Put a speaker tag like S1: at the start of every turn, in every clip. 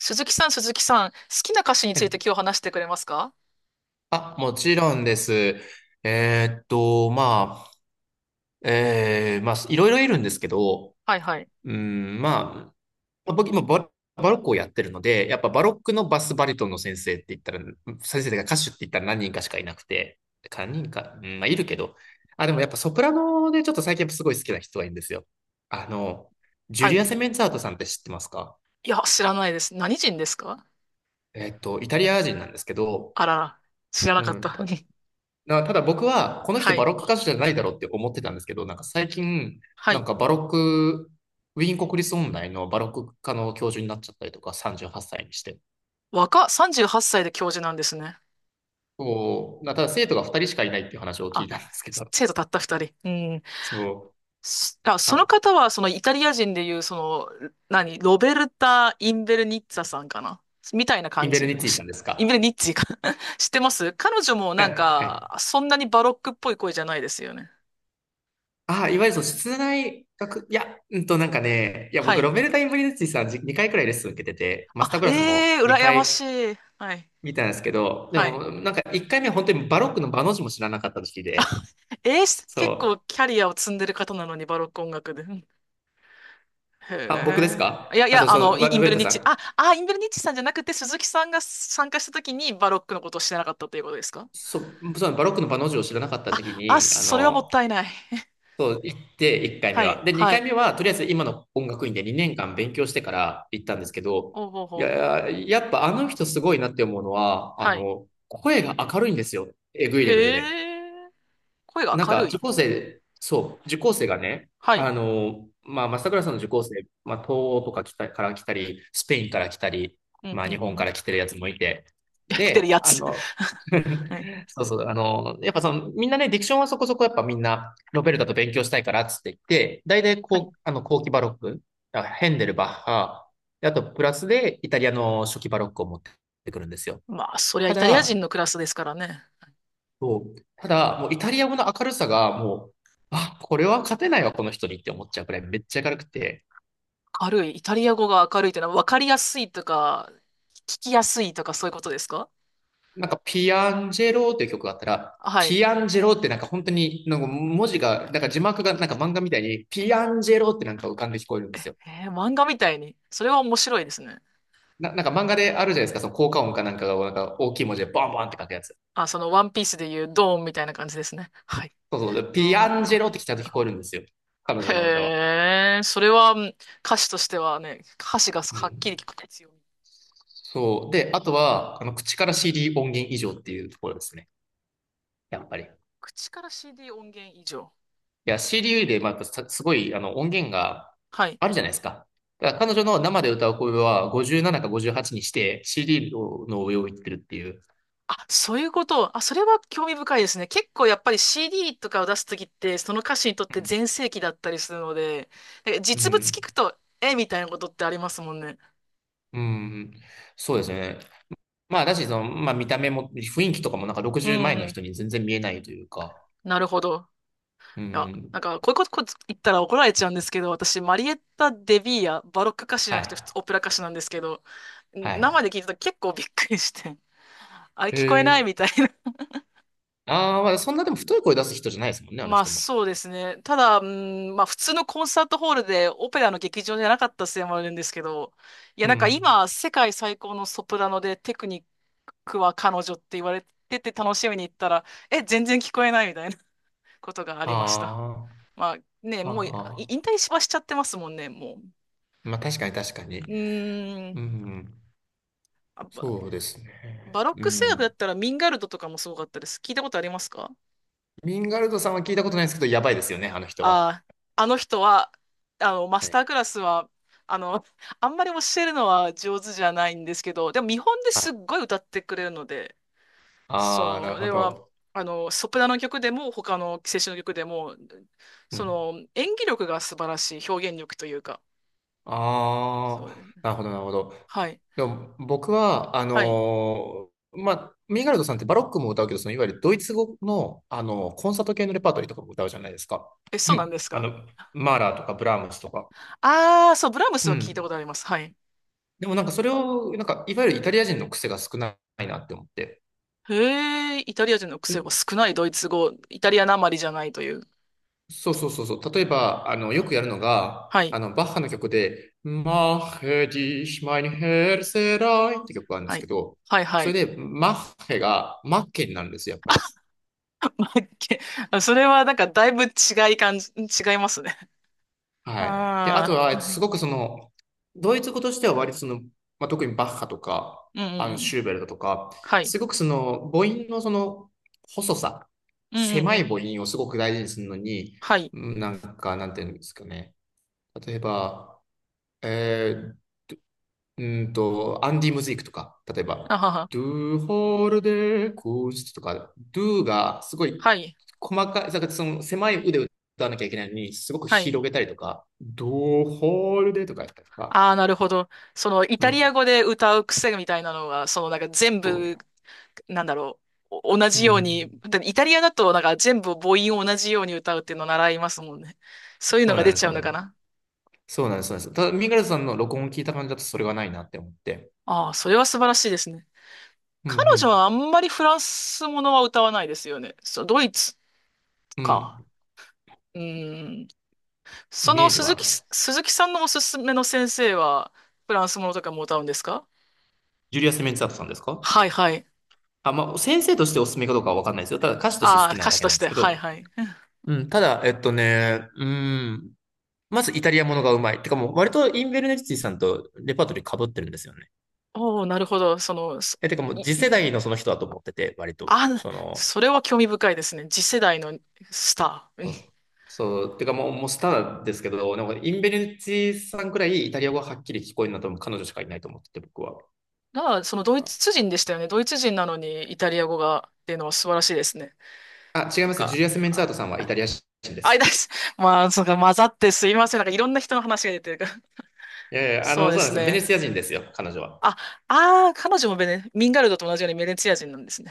S1: 鈴木さん、鈴木さん、好きな歌手に
S2: は
S1: つい
S2: い。
S1: て今日話してくれますか？
S2: あ、もちろんです。まあ、まあ、いろいろいるんですけど、
S1: はいはい。
S2: うん、まあ、僕今バロックをやってるので、やっぱバロックのバスバリトンの先生って言ったら、先生が歌手って言ったら何人かしかいなくて、何人か、うん、まあ、いるけど、あ、でもやっぱソプラノでちょっと最近やっぱすごい好きな人がいるんですよ。あの、ジュ
S1: は
S2: リ
S1: い。
S2: ア・セメンツァートさんって知ってますか？
S1: いや、知らないです。何人ですか？
S2: イタリア人なんですけど、
S1: あらら、知ら
S2: う
S1: なかっ
S2: ん、
S1: た。
S2: ただ僕は、この人
S1: は
S2: バ
S1: い。
S2: ロック歌手じゃないだろうって思ってたんですけど、なんか最近、
S1: は
S2: なん
S1: い。
S2: かバロック、ウィーン国立音大のバロック科の教授になっちゃったりとか、38歳にして。
S1: 38歳で教授なんですね。
S2: そう、ただ生徒が2人しかいないっていう話を聞い
S1: あ、
S2: たんですけど、
S1: 生徒たった2人。うん。
S2: そう、
S1: その
S2: あ、
S1: 方は、そのイタリア人でいう、ロベルタ・インベルニッツァさんかな、みたいな
S2: イン
S1: 感
S2: ベル
S1: じ。
S2: ニッツィさんです
S1: インベル
S2: か？
S1: ニッツィか。 知ってます。彼女も
S2: あ、
S1: なん
S2: はい。
S1: か、そんなにバロックっぽい声じゃないですよね。
S2: あ、いわゆるその室内学、いや、うんとなんかね、いや、
S1: は
S2: 僕、ロ
S1: い。
S2: ベルタ・インベルニッツィさんじ2回くらいレッスン受けてて、マスター
S1: あ、
S2: クラスも
S1: ええー、羨
S2: 2
S1: ま
S2: 回
S1: しい。はい。
S2: 見たんですけど、で
S1: はい。
S2: も、なんか1回目は本当にバロックの場の字も知らなかった時期で、
S1: 結構
S2: そう。
S1: キャリアを積んでる方なのに、バロック音楽で。うん、
S2: あ、僕です
S1: へえ。い
S2: か？
S1: やい
S2: あと、
S1: や、あ
S2: そ
S1: の、
S2: う、ま
S1: イ
S2: ル
S1: ン
S2: ベ
S1: ベ
S2: ル
S1: ル
S2: タ
S1: ニッ
S2: さ
S1: チ、
S2: ん。
S1: インベルニッチさんじゃなくて、鈴木さんが参加した時にバロックのことを知らなかったということですか？
S2: そう、そう、バロックのバの字を知らなかった時期
S1: あ、あ、
S2: に、あ
S1: それはもっ
S2: の、
S1: たいない。
S2: そう、行って1回目
S1: はい、
S2: は。で、
S1: は
S2: 2回
S1: い。
S2: 目は、とりあえず今の音楽院で2年間勉強してから行ったんですけど、
S1: おうほう
S2: い
S1: ほう。
S2: や、やっぱあの人すごいなって思うのは、あ
S1: はい。
S2: の、声が明るいんですよ。えぐいレベル
S1: へ
S2: で。
S1: え。声が
S2: なん
S1: 明
S2: か
S1: る
S2: 受
S1: い。
S2: 講生、そう、受講生がね、
S1: はい。
S2: あの、まあ、正倉さんの受講生、まあ、東欧とか来たから来たり、スペインから来たり、
S1: うん、
S2: まあ、
S1: う
S2: 日
S1: ん、う
S2: 本か
S1: ん。
S2: ら来てるやつもいて、
S1: 来てる
S2: で、
S1: や
S2: あ
S1: つ。
S2: の、
S1: はい。
S2: そうそう、あの、やっぱその、みんなね、ディクションはそこそこやっぱみんな、ロベルタと勉強したいからっつって言って、大体
S1: はい。
S2: こう、あの、後期バロック、あヘンデル、バッハ、であとプラスでイタリアの初期バロックを持ってくるんですよ。
S1: まあ、そりゃ
S2: た
S1: イタリア
S2: だ、
S1: 人のクラスですからね。
S2: そう。ただ、もうイタリア語の明るさがもう、あ、これは勝てないわ、この人にって思っちゃうくらいめっちゃ明るくて、
S1: 明るい。イタリア語が明るいってのは分かりやすいとか、聞きやすいとかそういうことですか？
S2: なんかピアンジェローっていう曲があったら、
S1: は
S2: ピ
S1: い。
S2: アンジェローってなんか本当に、なんか文字が、なんか字幕がなんか漫画みたいに、ピアンジェローってなんか浮かんで聞こえるんですよ。
S1: えー、漫画みたいに。それは面白いですね。
S2: なんか漫画であるじゃないですか、その効果音かなんかがなんか大きい文字でバンバンって書くやつ。
S1: あ、そのワンピースでいうドーンみたいな感じですね。はい。
S2: そうそう、ピアンジェ
S1: あ
S2: ロ
S1: ー、
S2: ーってちゃんと聞こえるんですよ。彼女の歌は。
S1: へえ、それはうん、歌詞としてはね、歌詞が
S2: う
S1: はっきり
S2: ん。
S1: 聞く必要。
S2: そう。で、あとは、あの、口から CD 音源以上っていうところですね。やっぱり。
S1: 口から CD 音源以上。
S2: いや、CDU で、まあ、さすごい、あの、音源が
S1: はい。
S2: あるじゃないですか。だから彼女の生で歌う声は57か58にして CD の上をいってるっていう。
S1: あ、そういうこと。あ、それは興味深いですね。結構やっぱり CD とかを出すときって、その歌手にとって全盛期だったりするので、なんか
S2: うんう
S1: 実物聞
S2: ん。
S1: くと、え、みたいなことってありますもんね。
S2: うん。そうですね。まあ、だし、その、まあ、見た目も、雰囲気とかもなんか
S1: う
S2: 60
S1: ん
S2: 前
S1: う
S2: の
S1: ん。
S2: 人に全然見えないというか。
S1: なるほど。
S2: う
S1: いや、な
S2: ん。
S1: んか、こういうことこ言ったら怒られちゃうんですけど、私、マリエッタ・デビーヤ、バロック歌手じゃ
S2: は
S1: なくて普通
S2: い。
S1: オペラ歌手なんですけど、
S2: は
S1: 生
S2: い。
S1: で聞いたと結構びっくりして、あれ
S2: へ
S1: 聞こえないみ
S2: え。
S1: たいな。
S2: ああ、まあ、そんなでも太い声出す人じゃないですもんね、あの
S1: まあ
S2: 人も。
S1: そうですね。ただ、うん、まあ普通のコンサートホールでオペラの劇場じゃなかったせいもあるんですけど、い
S2: う
S1: やなんか
S2: ん。
S1: 今世界最高のソプラノでテクニックは彼女って言われてて楽しみに行ったら、え、全然聞こえないみたいなことがありました。
S2: あ
S1: まあね、
S2: あ。あ
S1: もうい
S2: あ。
S1: 引退しはしちゃってますもんね、も
S2: まあ、確か
S1: う。
S2: に
S1: う
S2: 確かに。
S1: ー
S2: う
S1: ん。
S2: ん。
S1: あバ、
S2: そうです
S1: バ
S2: ね。
S1: ロッ
S2: う
S1: ク声楽だ
S2: ん。
S1: ったらミンガルドとかもすごかったです。聞いたことありますか？
S2: ミンガルドさんは聞いたことないですけど、やばいですよね、あの人は。
S1: ああ、あの人は、あの、マ
S2: は
S1: スター
S2: い。
S1: クラスは、あの、あんまり教えるのは上手じゃないんですけど、でも見本で
S2: はい。
S1: すっごい歌ってくれるので、
S2: ああ、なる
S1: そ
S2: ほ
S1: れは、
S2: ど。
S1: あの、ソプラノ曲でも、他の青春の曲でも、
S2: う
S1: そ
S2: ん。
S1: の、演技力が素晴らしい、表現力というか。
S2: あ
S1: そう
S2: あ、
S1: ですね。
S2: なるほど、なるほど。
S1: はい。
S2: でも、僕は、
S1: はい。
S2: まあ、ミンガルドさんってバロックも歌うけど、そのいわゆるドイツ語の、あのコンサート系のレパートリーとかも歌うじゃないですか。
S1: え、
S2: う
S1: そうなん
S2: ん。
S1: です
S2: あ
S1: か？
S2: の、マーラーとかブラームスとか。
S1: ああー、そう、ブラーム
S2: う
S1: スは聞いた
S2: ん。
S1: ことあります。はい。
S2: でもなんかそれを、なんか、いわゆるイタリア人の癖が少ないなって思って。
S1: へえ、イタリア人の癖が少ないドイツ語、イタリアなまりじゃないという。
S2: そうそうそうそう。例えば、あの、よくやるのが、
S1: はい。
S2: あの、バッハの曲で、マッヘディシマインヘルセライって曲があるんで
S1: は
S2: すけ
S1: い。
S2: ど、
S1: はい、は
S2: そ
S1: い。
S2: れで、マッヘがマッケになるんですよ、やっぱり。
S1: まあけ、あ、 それはなんかだいぶ違い感じ、違いますね。
S2: はい。で、あと
S1: ああ、
S2: は、
S1: は
S2: す
S1: い。
S2: ごくその、ドイツ語としては割とその、まあ、特にバッハとか、
S1: うんう
S2: あ
S1: ん
S2: の、
S1: う
S2: シ
S1: ん。
S2: ューベルトとか、
S1: はい。
S2: すごくその、母音のその、細さ、
S1: うんうん
S2: 狭
S1: う
S2: い
S1: ん。
S2: 母音をすごく大事にするのに、
S1: はい。
S2: うんなんか、なんていうんですかね。例えば、えうんと、アンディ・ムズイクとか、例え
S1: あ
S2: ば、
S1: はは。
S2: ドゥホールデーコースとか、ド o がすごい
S1: はい。
S2: 細かい、だからその狭い腕を歌わなきゃいけないのに、すごく
S1: はい。
S2: 広げたりとか、ド o ホール a y とかやったりとか、
S1: ああ、なるほど。そのイ
S2: う
S1: タリ
S2: ん、
S1: ア語で歌う癖みたいなのが、そのなんか全
S2: そ
S1: 部、なんだろう。お、同
S2: う、う
S1: じよう
S2: ん、
S1: に、だってイタリアだとなんか全部母音を同じように歌うっていうのを習いますもんね。そういう
S2: そ
S1: の
S2: う
S1: が
S2: なん
S1: 出
S2: です、
S1: ち
S2: そ
S1: ゃ
S2: う
S1: う
S2: な
S1: の
S2: んで
S1: か
S2: す。
S1: な。
S2: そうなんです、そうなんです。ただ、ミガルさんの録音を聞いた感じだとそれがないなって思って、
S1: ああ、それは素晴らしいですね。
S2: うん、う
S1: 彼女
S2: ん、
S1: はあんまりフランスものは歌わないですよね。そう、ドイツ
S2: う
S1: か。
S2: ん、
S1: うん。
S2: イメージはないです。
S1: 鈴木さんのおすすめの先生は、フランスものとかも歌うんですか？
S2: ジュリアス・メンツァートさんですか？
S1: はいはい。
S2: あ、まあ、先生としておすすめかどうかはわかんないですよ。ただ歌手として好
S1: ああ、
S2: きな
S1: 歌
S2: だ
S1: 手
S2: け
S1: と
S2: なん
S1: し
S2: です
S1: て。
S2: け
S1: はい
S2: ど、
S1: はい。
S2: うん、ただ、うん、まずイタリアものがうまい。てかもう割とインベルネッティさんとレパートリー被ってるんですよね。
S1: おお、なるほど。
S2: え、てかもう
S1: い
S2: 次世代のその人だと思ってて、割と。
S1: あ、
S2: その、
S1: それは興味深いですね。次世代のスター。うん、
S2: そう、てかもう、もうスターですけど、なんかインベルネッティさんくらいイタリア語がはっきり聞こえるのは多分彼女しかいないと思ってて、僕は。
S1: だから、そのドイ
S2: あ、
S1: ツ人でしたよね。ドイツ人なのにイタリア語がっていうのは素晴らしいですね。
S2: あ違い
S1: なん
S2: ます。ジ
S1: か、
S2: ュリアス・メンツァー
S1: あ、
S2: トさんはイタリア人で
S1: あい
S2: す。
S1: だ、 まあ、そうか、混ざってすいません。なんかいろんな人の話が出てるから。
S2: いやいや、あ
S1: そ
S2: の、
S1: うで
S2: そうなんで
S1: す
S2: すよ。ベネ
S1: ね。
S2: ツィア人ですよ、彼女は。
S1: あ、ああ、彼女もベネ、ミンガルドと同じようにベネツィア人なんですね。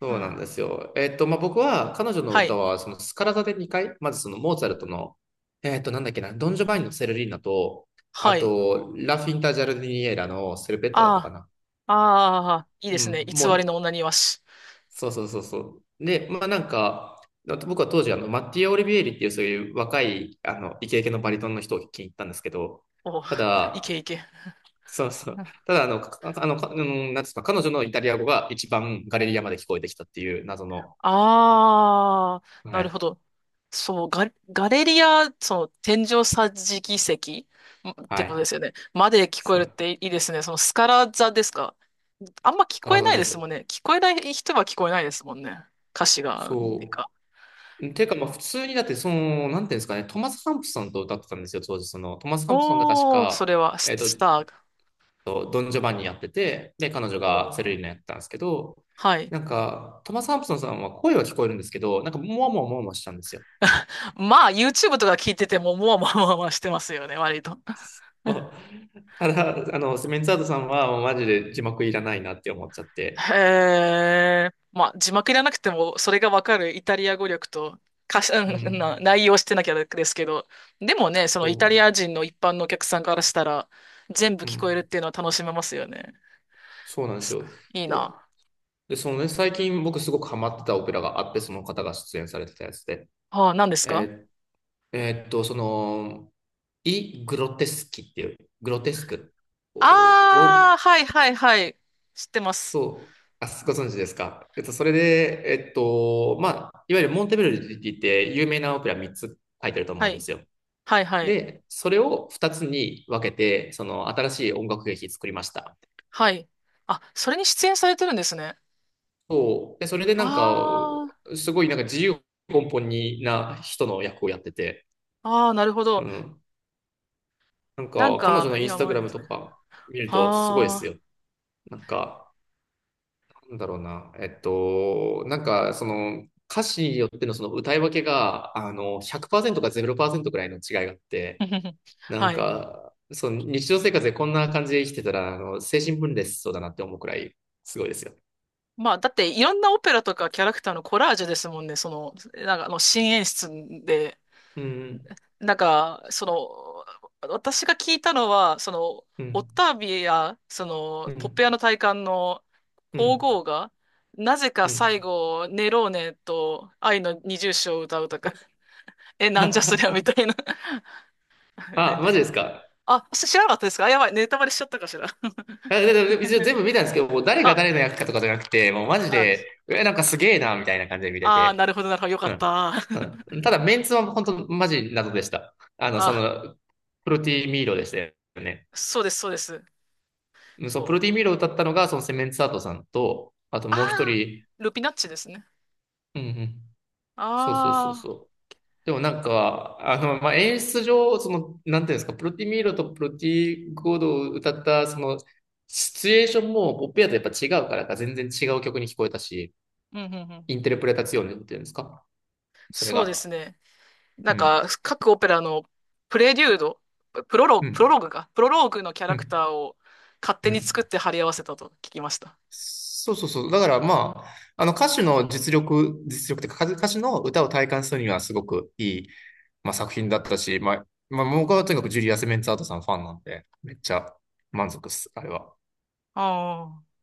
S2: そうなん
S1: は、あ、
S2: ですよ。まあ、僕は彼女の
S1: は
S2: 歌
S1: い、
S2: は、そのスカラ座で2回、まずそのモーツァルトの、なんだっけな、ドン・ジョバンニのセルリーナと、あ
S1: はい。
S2: と、ラ・フィンタ・ジャルディニエラのセルペッタだったか
S1: あ
S2: な。
S1: あ、ああ、いいで
S2: う
S1: すね。
S2: ん、
S1: 偽
S2: も
S1: り
S2: う、
S1: の女にわし。
S2: そうそうそうそう。で、まあなんか、僕は当時、あの、マッティア・オリビエリっていうそういう若い、あの、イケイケのバリトンの人を聞きに行ったんですけど、
S1: おう、
S2: た
S1: い
S2: だ、
S1: けいけ。
S2: そうそう。た だ、あの、かあの、かうんなんですか、彼女のイタリア語が一番ガレリアまで聞こえてきたっていう謎の、
S1: ああ、
S2: は
S1: なる
S2: い。
S1: ほど。そう、ガレリア、その天井桟敷席んっ
S2: は
S1: てことで
S2: い。
S1: すよね。まで聞こえ
S2: そ
S1: るっ
S2: う、
S1: ていいですね。そのスカラ座ですか。あんま聞こえ
S2: 体
S1: ない
S2: で
S1: です
S2: す。
S1: もんね。聞こえない人は聞こえないですもんね。歌詞が、っていう
S2: そ
S1: か。
S2: う。てか、まあ、普通にだって、その、なんていうんですかね、トマス・ハンプソンと歌ってたんですよ、当時。その、トマス・ハンプソンが確
S1: おー、そ
S2: か、
S1: れはス、
S2: えっと、
S1: スター。
S2: とドン・ジョバンニやってて、で、彼女
S1: お
S2: がセレ
S1: ー、
S2: リーナやってたんですけど、
S1: はい。
S2: なんか、トマス・ハンプソンさんは声は聞こえるんですけど、なんか、もわもわもわもわしたんですよ。
S1: まあ、YouTube とか聞いてても、もわもわもわもわしてますよね、割と。
S2: ただ、あの、メンツアートさんは、もうマジで字幕いらないなって思っちゃって。
S1: へえ。まあ、字幕いらなくても、それがわかるイタリア語力と、歌詞、
S2: う
S1: うん
S2: ん。
S1: な内容してなきゃですけど、でもね、その
S2: そ
S1: イタリア人の一般のお客さんからしたら、全部
S2: う。う
S1: 聞こ
S2: ん。
S1: えるっていうのは楽しめますよね。
S2: そうなんです
S1: す、
S2: よ。
S1: いい
S2: で
S1: な。
S2: で、そのね、最近僕すごくハマってたオペラがあって、その方が出演されてたやつで、
S1: ああ、何ですか？
S2: えその、イ・グロテスキっていう、グロテスクを、を
S1: ああー、はいはいはい。知ってます。
S2: あ、ご存知ですか？それで、まあ、いわゆるモンテベルディって有名なオペラ3つ書いてると思う
S1: は
S2: んで
S1: い。
S2: すよ。
S1: はいはい。
S2: で、それを2つに分けて、その新しい音楽劇作りました。
S1: はい。あ、それに出演されてるんですね。
S2: そう。で、それでなんか、
S1: あ
S2: すごいなんか自由奔放な人の役をやってて、
S1: あ、ああ、なるほ
S2: う
S1: ど。
S2: ん。なん
S1: なん
S2: か、彼女の
S1: か、
S2: インス
S1: や
S2: タグ
S1: ばい
S2: ラ
S1: で
S2: ム
S1: す
S2: と
S1: ね。
S2: か見るとすごいです
S1: あ
S2: よ。なんか、なんだろうな。なんか、その、歌詞によってのその歌い分けが、あの、100%か0%くらいの違いがあっ
S1: あ、
S2: て、なん
S1: はい。
S2: か、その日常生活でこんな感じで生きてたら、あの、精神分裂しそうだなって思うくらい、すごいですよ。
S1: まあ、だって、いろんなオペラとかキャラクターのコラージュですもんね。その、なんか、あの、新演出で、
S2: うん、
S1: なんか、その、私が聞いたのは、その、
S2: う
S1: オッ
S2: ん、
S1: タービや、そ
S2: う
S1: の、ポッ
S2: ん、
S1: ペアの大官の
S2: う
S1: 皇
S2: ん、
S1: 后が、なぜか
S2: うん。
S1: 最後、ネローネと愛の二重唱を歌うとか、え、なんじゃそりゃみ たいな、
S2: あ、マ ジですか？
S1: あ、知らなかったですか、あ、やばい、ネタバレしちゃったかしら。
S2: やで、一応全部見たんですけど、もう誰が
S1: あ、
S2: 誰の役かとかじゃなくて、もうマジ
S1: あ、
S2: で、え、なんかすげえな、みたいな感じで見れ
S1: あー、
S2: て。
S1: なるほど、なるほど、よか
S2: う
S1: っ
S2: ん。
S1: た。
S2: う ん。ただ、メンツは本当マジ謎でした。あの、そ
S1: あ、
S2: の、プロティミーロでしたよね。
S1: そうです、そうです。
S2: うんそう、プロ
S1: そ
S2: ティ
S1: う。
S2: ミーロを歌ったのが、そのセメンツアートさんと、あともう一
S1: あ
S2: 人、
S1: ー、ルピナッチですね。
S2: うんうん。そうそうそう
S1: あ
S2: そう。でもなんか、あの、まあ、演出上、その、なんていうんですか、プロティミーロとプロティーゴードを歌った、その、シチュエーションも、ポップやとやっぱ違うからか、全然違う曲に聞こえたし、
S1: ー、うん、うん、うん。
S2: インテルプレタツィオネっていうんですかそれ
S1: そうです
S2: が。
S1: ね。な
S2: う
S1: ん
S2: ん。
S1: か、各オペラのプレデュード、プロロー
S2: う
S1: グ、プロ
S2: ん。
S1: ローグか、プロローグのキャ
S2: う
S1: ラク
S2: ん。
S1: ターを勝
S2: う
S1: 手に
S2: ん。
S1: 作って貼り合わせたと聞きました。
S2: そうそうそう。だからまあ、あの歌手の実力、実力っていうか歌手の歌を体感するにはすごくいい、まあ、作品だったし、まあ、まあ、僕はとにかくジュリアス・メンツアートさんファンなんで、めっちゃ満足っす、あれは。
S1: ああ。